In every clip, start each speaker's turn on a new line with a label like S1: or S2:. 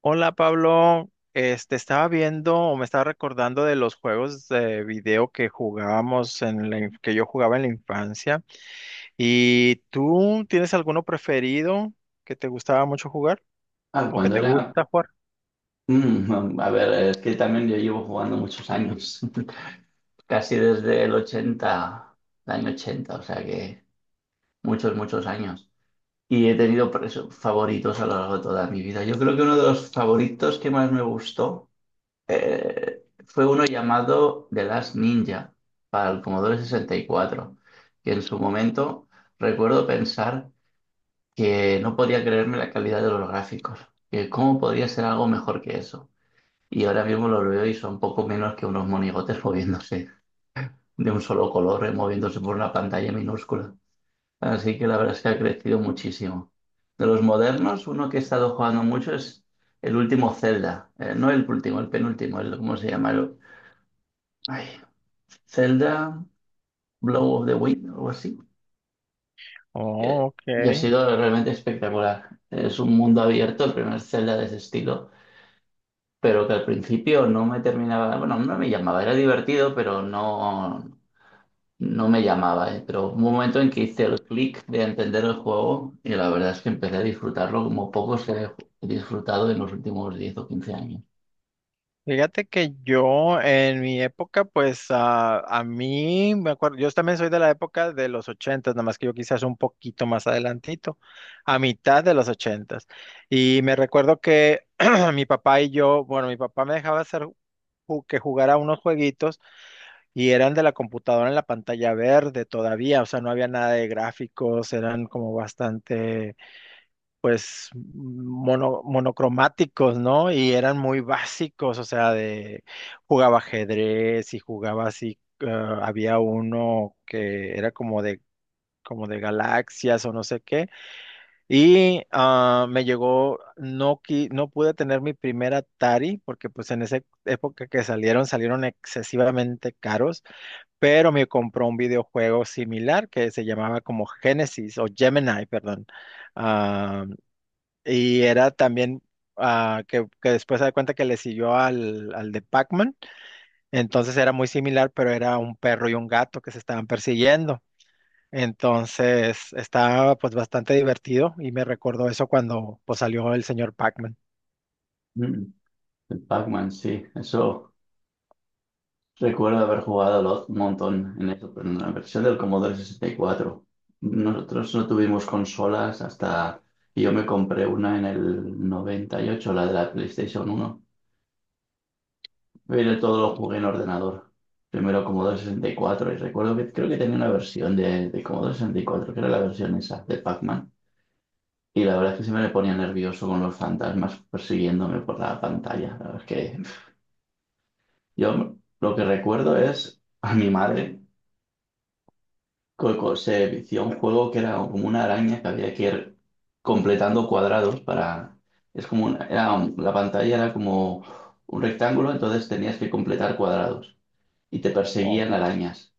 S1: Hola Pablo, estaba viendo o me estaba recordando de los juegos de video que jugábamos que yo jugaba en la infancia. ¿Y tú tienes alguno preferido que te gustaba mucho jugar o que
S2: Cuando
S1: te
S2: era...
S1: gusta jugar?
S2: a ver, es que también yo llevo jugando muchos años, casi desde el 80, el año 80, o sea que muchos años. Y he tenido favoritos a lo largo de toda mi vida. Yo creo que uno de los favoritos que más me gustó fue uno llamado The Last Ninja para el Commodore 64, que en su momento recuerdo pensar que no podía creerme la calidad de los gráficos, que cómo podría ser algo mejor que eso. Y ahora mismo los veo y son poco menos que unos monigotes moviéndose de un solo color, moviéndose por una pantalla minúscula. Así que la verdad es que ha crecido muchísimo. De los modernos, uno que he estado jugando mucho es el último Zelda. No el último, el penúltimo, ¿cómo se llama? Ay, Zelda Blow of the Wind, algo así.
S1: Oh,
S2: Eh,
S1: ok.
S2: y ha sido realmente espectacular. Es un mundo abierto, el primer Zelda de ese estilo, pero que al principio no me terminaba, bueno, no me llamaba, era divertido, pero no, no me llamaba, pero hubo un momento en que hice el clic de entender el juego y la verdad es que empecé a disfrutarlo como pocos he disfrutado en los últimos 10 o 15 años.
S1: Fíjate que yo en mi época, pues a mí me acuerdo, yo también soy de la época de los ochentas, nada más que yo quizás un poquito más adelantito, a mitad de los ochentas. Y me recuerdo que mi papá y yo, bueno, mi papá me dejaba hacer que jugara unos jueguitos y eran de la computadora en la pantalla verde todavía, o sea, no había nada de gráficos, eran como bastante pues monocromáticos, ¿no? Y eran muy básicos, o sea, de jugaba ajedrez y jugaba así, había uno que era como de galaxias o no sé qué. Y me llegó, no, no pude tener mi primer Atari, porque pues en esa época que salieron, salieron excesivamente caros, pero me compró un videojuego similar que se llamaba como Genesis o Gemini, perdón. ah, y era también que después se da cuenta que le siguió al de Pac-Man. Entonces era muy similar, pero era un perro y un gato que se estaban persiguiendo. Entonces estaba pues bastante divertido y me recordó eso cuando pues salió el señor Pac-Man.
S2: Mm, el Pac-Man, sí. Eso recuerdo haber jugado un montón en eso, pero en la versión del Commodore 64. Nosotros no tuvimos consolas hasta... Y yo me compré una en el 98, la de la PlayStation uno. Pero todos los jugué en ordenador. Primero Commodore 64 y recuerdo que creo que tenía una versión de Commodore 64 que era la versión esa de Pac-Man. Y la verdad es que siempre me ponía nervioso con los fantasmas persiguiéndome por la pantalla. La verdad es que yo lo que recuerdo es a mi madre se vició un juego que era como una araña que había que ir completando cuadrados para... Es como era la pantalla era como un rectángulo, entonces tenías que completar cuadrados y te perseguían
S1: Oh,
S2: arañas.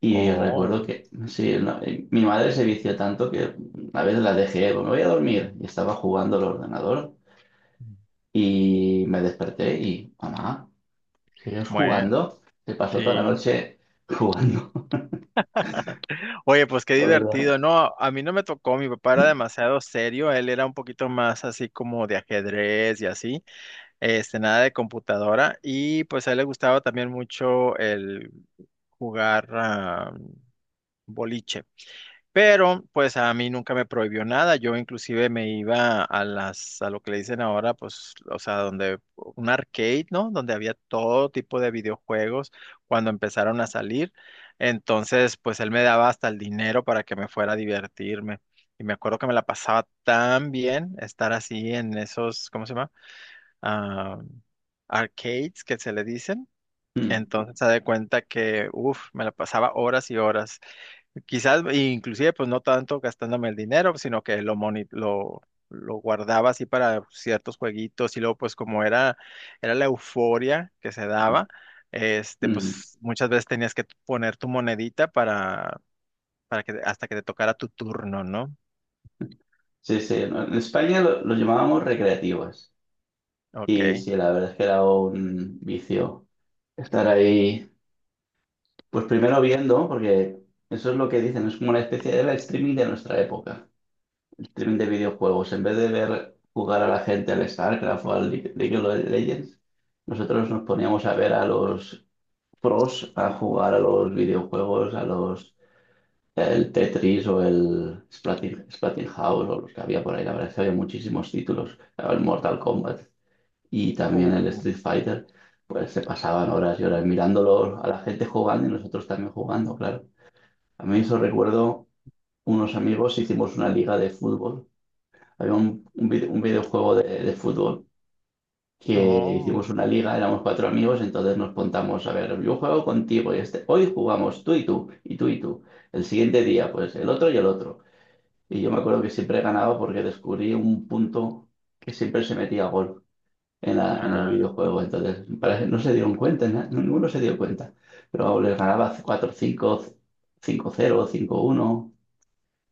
S2: Y recuerdo
S1: oh,
S2: que, sí, no, mi madre se vició tanto que a veces la dejé, "Pues me voy a dormir". Y estaba jugando al ordenador y me desperté y, mamá, ¿sigues
S1: bueno,
S2: jugando? Se pasó toda la
S1: sí.
S2: noche jugando,
S1: Oye, pues qué
S2: la verdad.
S1: divertido. No, a mí no me tocó, mi papá era demasiado serio, él era un poquito más así como de ajedrez y así. Nada de computadora. Y pues a él le gustaba también mucho el jugar boliche. Pero pues a mí nunca me prohibió nada. Yo inclusive me iba a lo que le dicen ahora, pues, o sea, donde un arcade, ¿no? Donde había todo tipo de videojuegos cuando empezaron a salir. Entonces, pues él me daba hasta el dinero para que me fuera a divertirme. Y me acuerdo que me la pasaba tan bien estar así en esos, ¿cómo se llama? ah, arcades que se le dicen.
S2: Mm,
S1: Entonces se da cuenta que, uff, me la pasaba horas y horas. Quizás, e inclusive, pues no tanto gastándome el dinero, sino que lo guardaba así para ciertos jueguitos y luego, pues como era, era la euforia que se
S2: mm.
S1: daba,
S2: mm.
S1: pues muchas veces tenías que poner tu monedita para que hasta que te tocara tu turno, ¿no?
S2: Sí, sí, no, en España lo llamábamos recreativas. Y
S1: Ok.
S2: sí, la verdad es que era un vicio estar ahí, pues primero viendo, porque eso es lo que dicen, es como una especie de live streaming de nuestra época. Streaming de videojuegos. En vez de ver jugar a la gente al StarCraft o al League of Legends, nosotros nos poníamos a ver a los pros a jugar a los videojuegos, a los, el Tetris o el Splatin, House o los que había por ahí. La verdad es que había muchísimos títulos. El Mortal Kombat y también el
S1: Uh.
S2: Street Fighter. Pues se pasaban horas y horas mirándolo a la gente jugando y nosotros también jugando, claro. A mí eso recuerdo, unos amigos, hicimos una liga de fútbol, había un un videojuego de fútbol, que
S1: Oh,
S2: hicimos una liga, éramos cuatro amigos, entonces nos contamos, a ver, yo juego contigo y este, hoy jugamos tú y tú, y tú y tú. El siguiente día, pues el otro. Y yo me acuerdo que siempre ganaba porque descubrí un punto que siempre se metía gol en la, en el
S1: ah,
S2: videojuego. Entonces, no se dieron cuenta, ninguno se dio cuenta. Pero vamos, les ganaba 4 cinco, 5-0, cinco uno,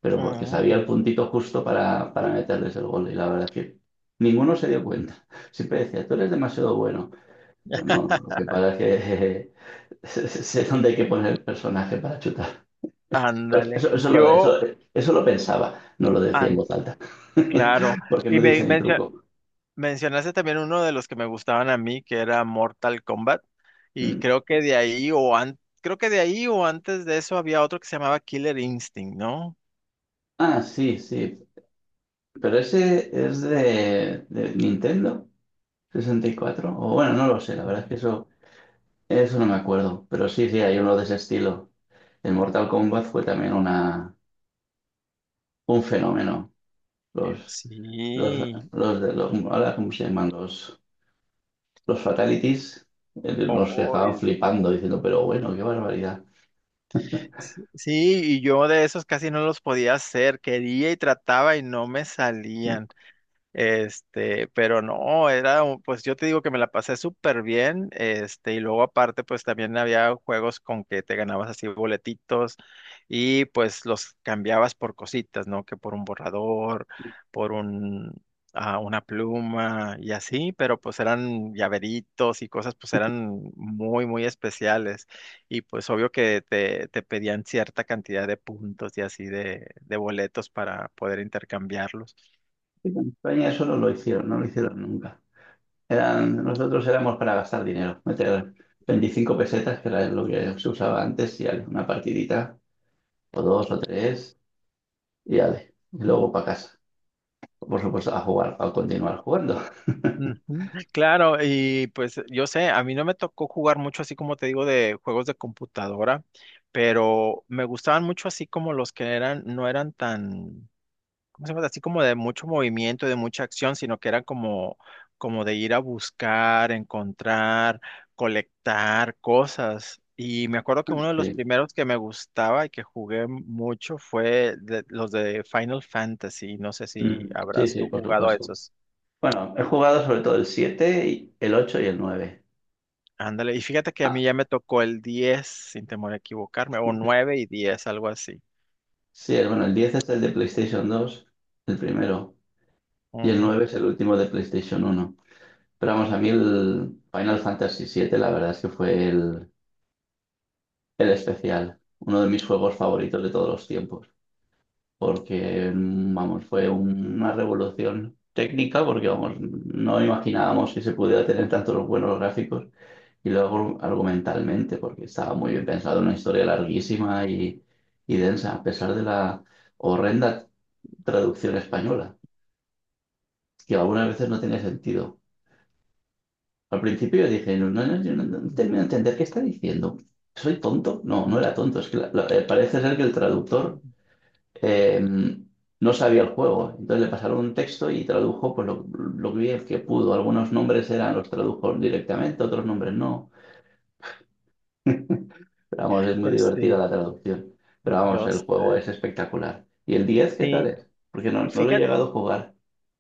S2: pero porque sabía el
S1: mm,
S2: puntito justo para meterles el gol. Y la verdad es que ninguno se dio cuenta. Siempre decía, tú eres demasiado bueno. Pero no, lo que pasa es que sé dónde hay que poner el personaje para chutar. Pues
S1: ándale.
S2: eso, lo, eso,
S1: Yo
S2: eso lo pensaba, no lo decía
S1: ah,
S2: en voz alta,
S1: claro.
S2: porque
S1: Y
S2: no dice mi truco.
S1: mencionaste también uno de los que me gustaban a mí, que era Mortal Kombat. Y
S2: Mm.
S1: creo que de ahí o creo que de ahí o antes de eso había otro que se llamaba Killer Instinct, ¿no?
S2: Sí, sí, pero ese es de Nintendo 64, o bueno, no lo sé, la verdad es
S1: Mm.
S2: que eso no me acuerdo, pero sí, sí, hay uno de ese estilo. El Mortal Kombat fue también un fenómeno. Los, los,
S1: Sí.
S2: los de los, ahora, ¿cómo se llaman? Los Fatalities, nos
S1: Oh,
S2: dejaban flipando, diciendo, pero bueno, qué barbaridad.
S1: sí, sí, y yo de esos casi no los podía hacer. Quería y trataba y no me salían. Pero no, pues yo te digo que me la pasé súper bien, y luego aparte, pues también había juegos con que te ganabas así boletitos y pues los cambiabas por cositas, ¿no? Que por un borrador, por un, una pluma y así, pero pues eran llaveritos y cosas, pues eran muy, muy especiales. Y pues obvio que te pedían cierta cantidad de puntos y así de boletos para poder intercambiarlos.
S2: En España eso no lo hicieron, no lo hicieron nunca. Eran, nosotros éramos para gastar dinero, meter 25 pesetas, que era lo que se usaba antes, y ale, una partidita, o dos o tres, y ale, y luego para casa. Por supuesto, a jugar, a continuar jugando.
S1: Ujú, claro, y pues yo sé, a mí no me tocó jugar mucho así como te digo de juegos de computadora, pero me gustaban mucho así como los que eran, no eran tan, ¿cómo se llama? Así como de mucho movimiento, de mucha acción, sino que eran como, como de ir a buscar, encontrar, colectar cosas. Y me acuerdo que uno de los
S2: Sí,
S1: primeros que me gustaba y que jugué mucho los de Final Fantasy. No sé si
S2: mm, sí,
S1: habrás
S2: sí,
S1: tú
S2: por
S1: jugado a
S2: supuesto.
S1: esos.
S2: Bueno, he jugado sobre todo el 7, el 8 y el nueve.
S1: Ándale, y fíjate que a mí ya me tocó el diez sin temor a equivocarme, o nueve y 10 algo así.
S2: Sí, bueno, el 10 es el de PlayStation dos, el primero, y el
S1: Ujú.
S2: 9 es el último de PlayStation uno. Pero vamos, a mí el Final Fantasy siete, la verdad es que fue el especial, uno de mis juegos favoritos de todos los tiempos, porque, mm, vamos, fue una revolución técnica, porque, vamos, no imaginábamos que se pudiera tener tantos buenos gráficos. Y luego argumentalmente, porque estaba muy bien pensado, una historia larguísima y densa, a pesar de la horrenda traducción española, que algunas veces no tenía sentido. Al principio yo dije, no, no, no, yo no termino de entender qué está diciendo. ¿Soy tonto? No, no
S1: Ujú.
S2: era tonto. Es que parece ser que el traductor, eh, no sabía el juego. Entonces le pasaron un texto y tradujo pues, lo bien que pudo. Algunos nombres eran, los tradujo directamente, otros nombres no. Pero vamos, es muy
S1: Pues
S2: divertida
S1: sí,
S2: la traducción. Pero vamos,
S1: yo
S2: el juego
S1: sé.
S2: es espectacular. ¿Y el 10, qué tal
S1: Sí,
S2: es? Porque no, no lo he
S1: fíjate,
S2: llegado a jugar.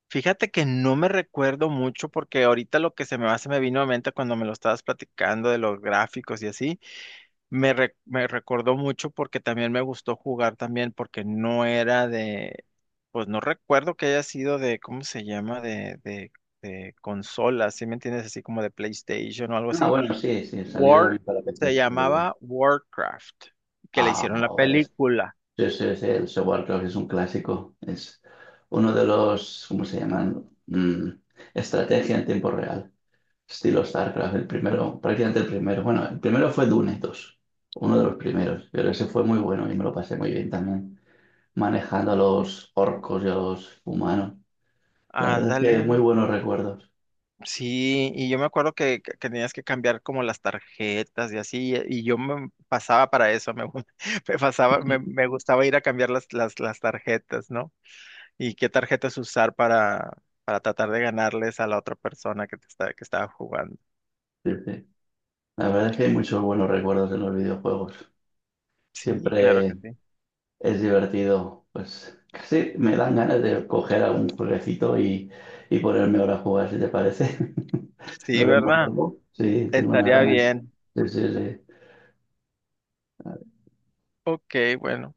S1: fíjate que no me recuerdo mucho porque ahorita lo que se me va, se me vino a mente cuando me lo estabas platicando de los gráficos y así, me recordó mucho porque también me gustó jugar también porque no era de, pues no recuerdo que haya sido de, ¿cómo se llama? De consola, ¿sí me entiendes? Así como de PlayStation o algo
S2: Ah,
S1: así.
S2: bueno, sí, sí, salió
S1: War,
S2: también para PC.
S1: Se
S2: Es verdad.
S1: llamaba Warcraft, que le
S2: Ah,
S1: hicieron la
S2: ahora es,
S1: película.
S2: sí, sí, sí, el software creo es un clásico. Es uno de los, ¿cómo se llaman? Mm, estrategia en tiempo real. Estilo StarCraft, el primero, prácticamente el primero. Bueno, el primero fue Dune dos, uno de los primeros. Pero ese fue muy bueno y me lo pasé muy bien también, manejando a los orcos y a los humanos. La verdad es
S1: Ándale.
S2: que muy buenos recuerdos.
S1: Sí, y yo me acuerdo que, que tenías que cambiar como las tarjetas y así, y yo me pasaba para eso, me pasaba, me gustaba ir a cambiar las tarjetas, ¿no? Y qué tarjetas usar para tratar de ganarles a la otra persona que te está, que estaba jugando.
S2: Sí, sí. La verdad es que hay muchos buenos recuerdos en los videojuegos.
S1: Sí, claro que
S2: Siempre
S1: sí.
S2: es divertido. Pues casi me dan ganas de coger algún jueguecito y ponerme ahora a jugar, si te parece.
S1: Sí,
S2: Lo vemos
S1: ¿verdad?
S2: luego. Sí, tengo unas
S1: Estaría
S2: ganas.
S1: bien.
S2: Sí, sí, sí.
S1: Ok, bueno.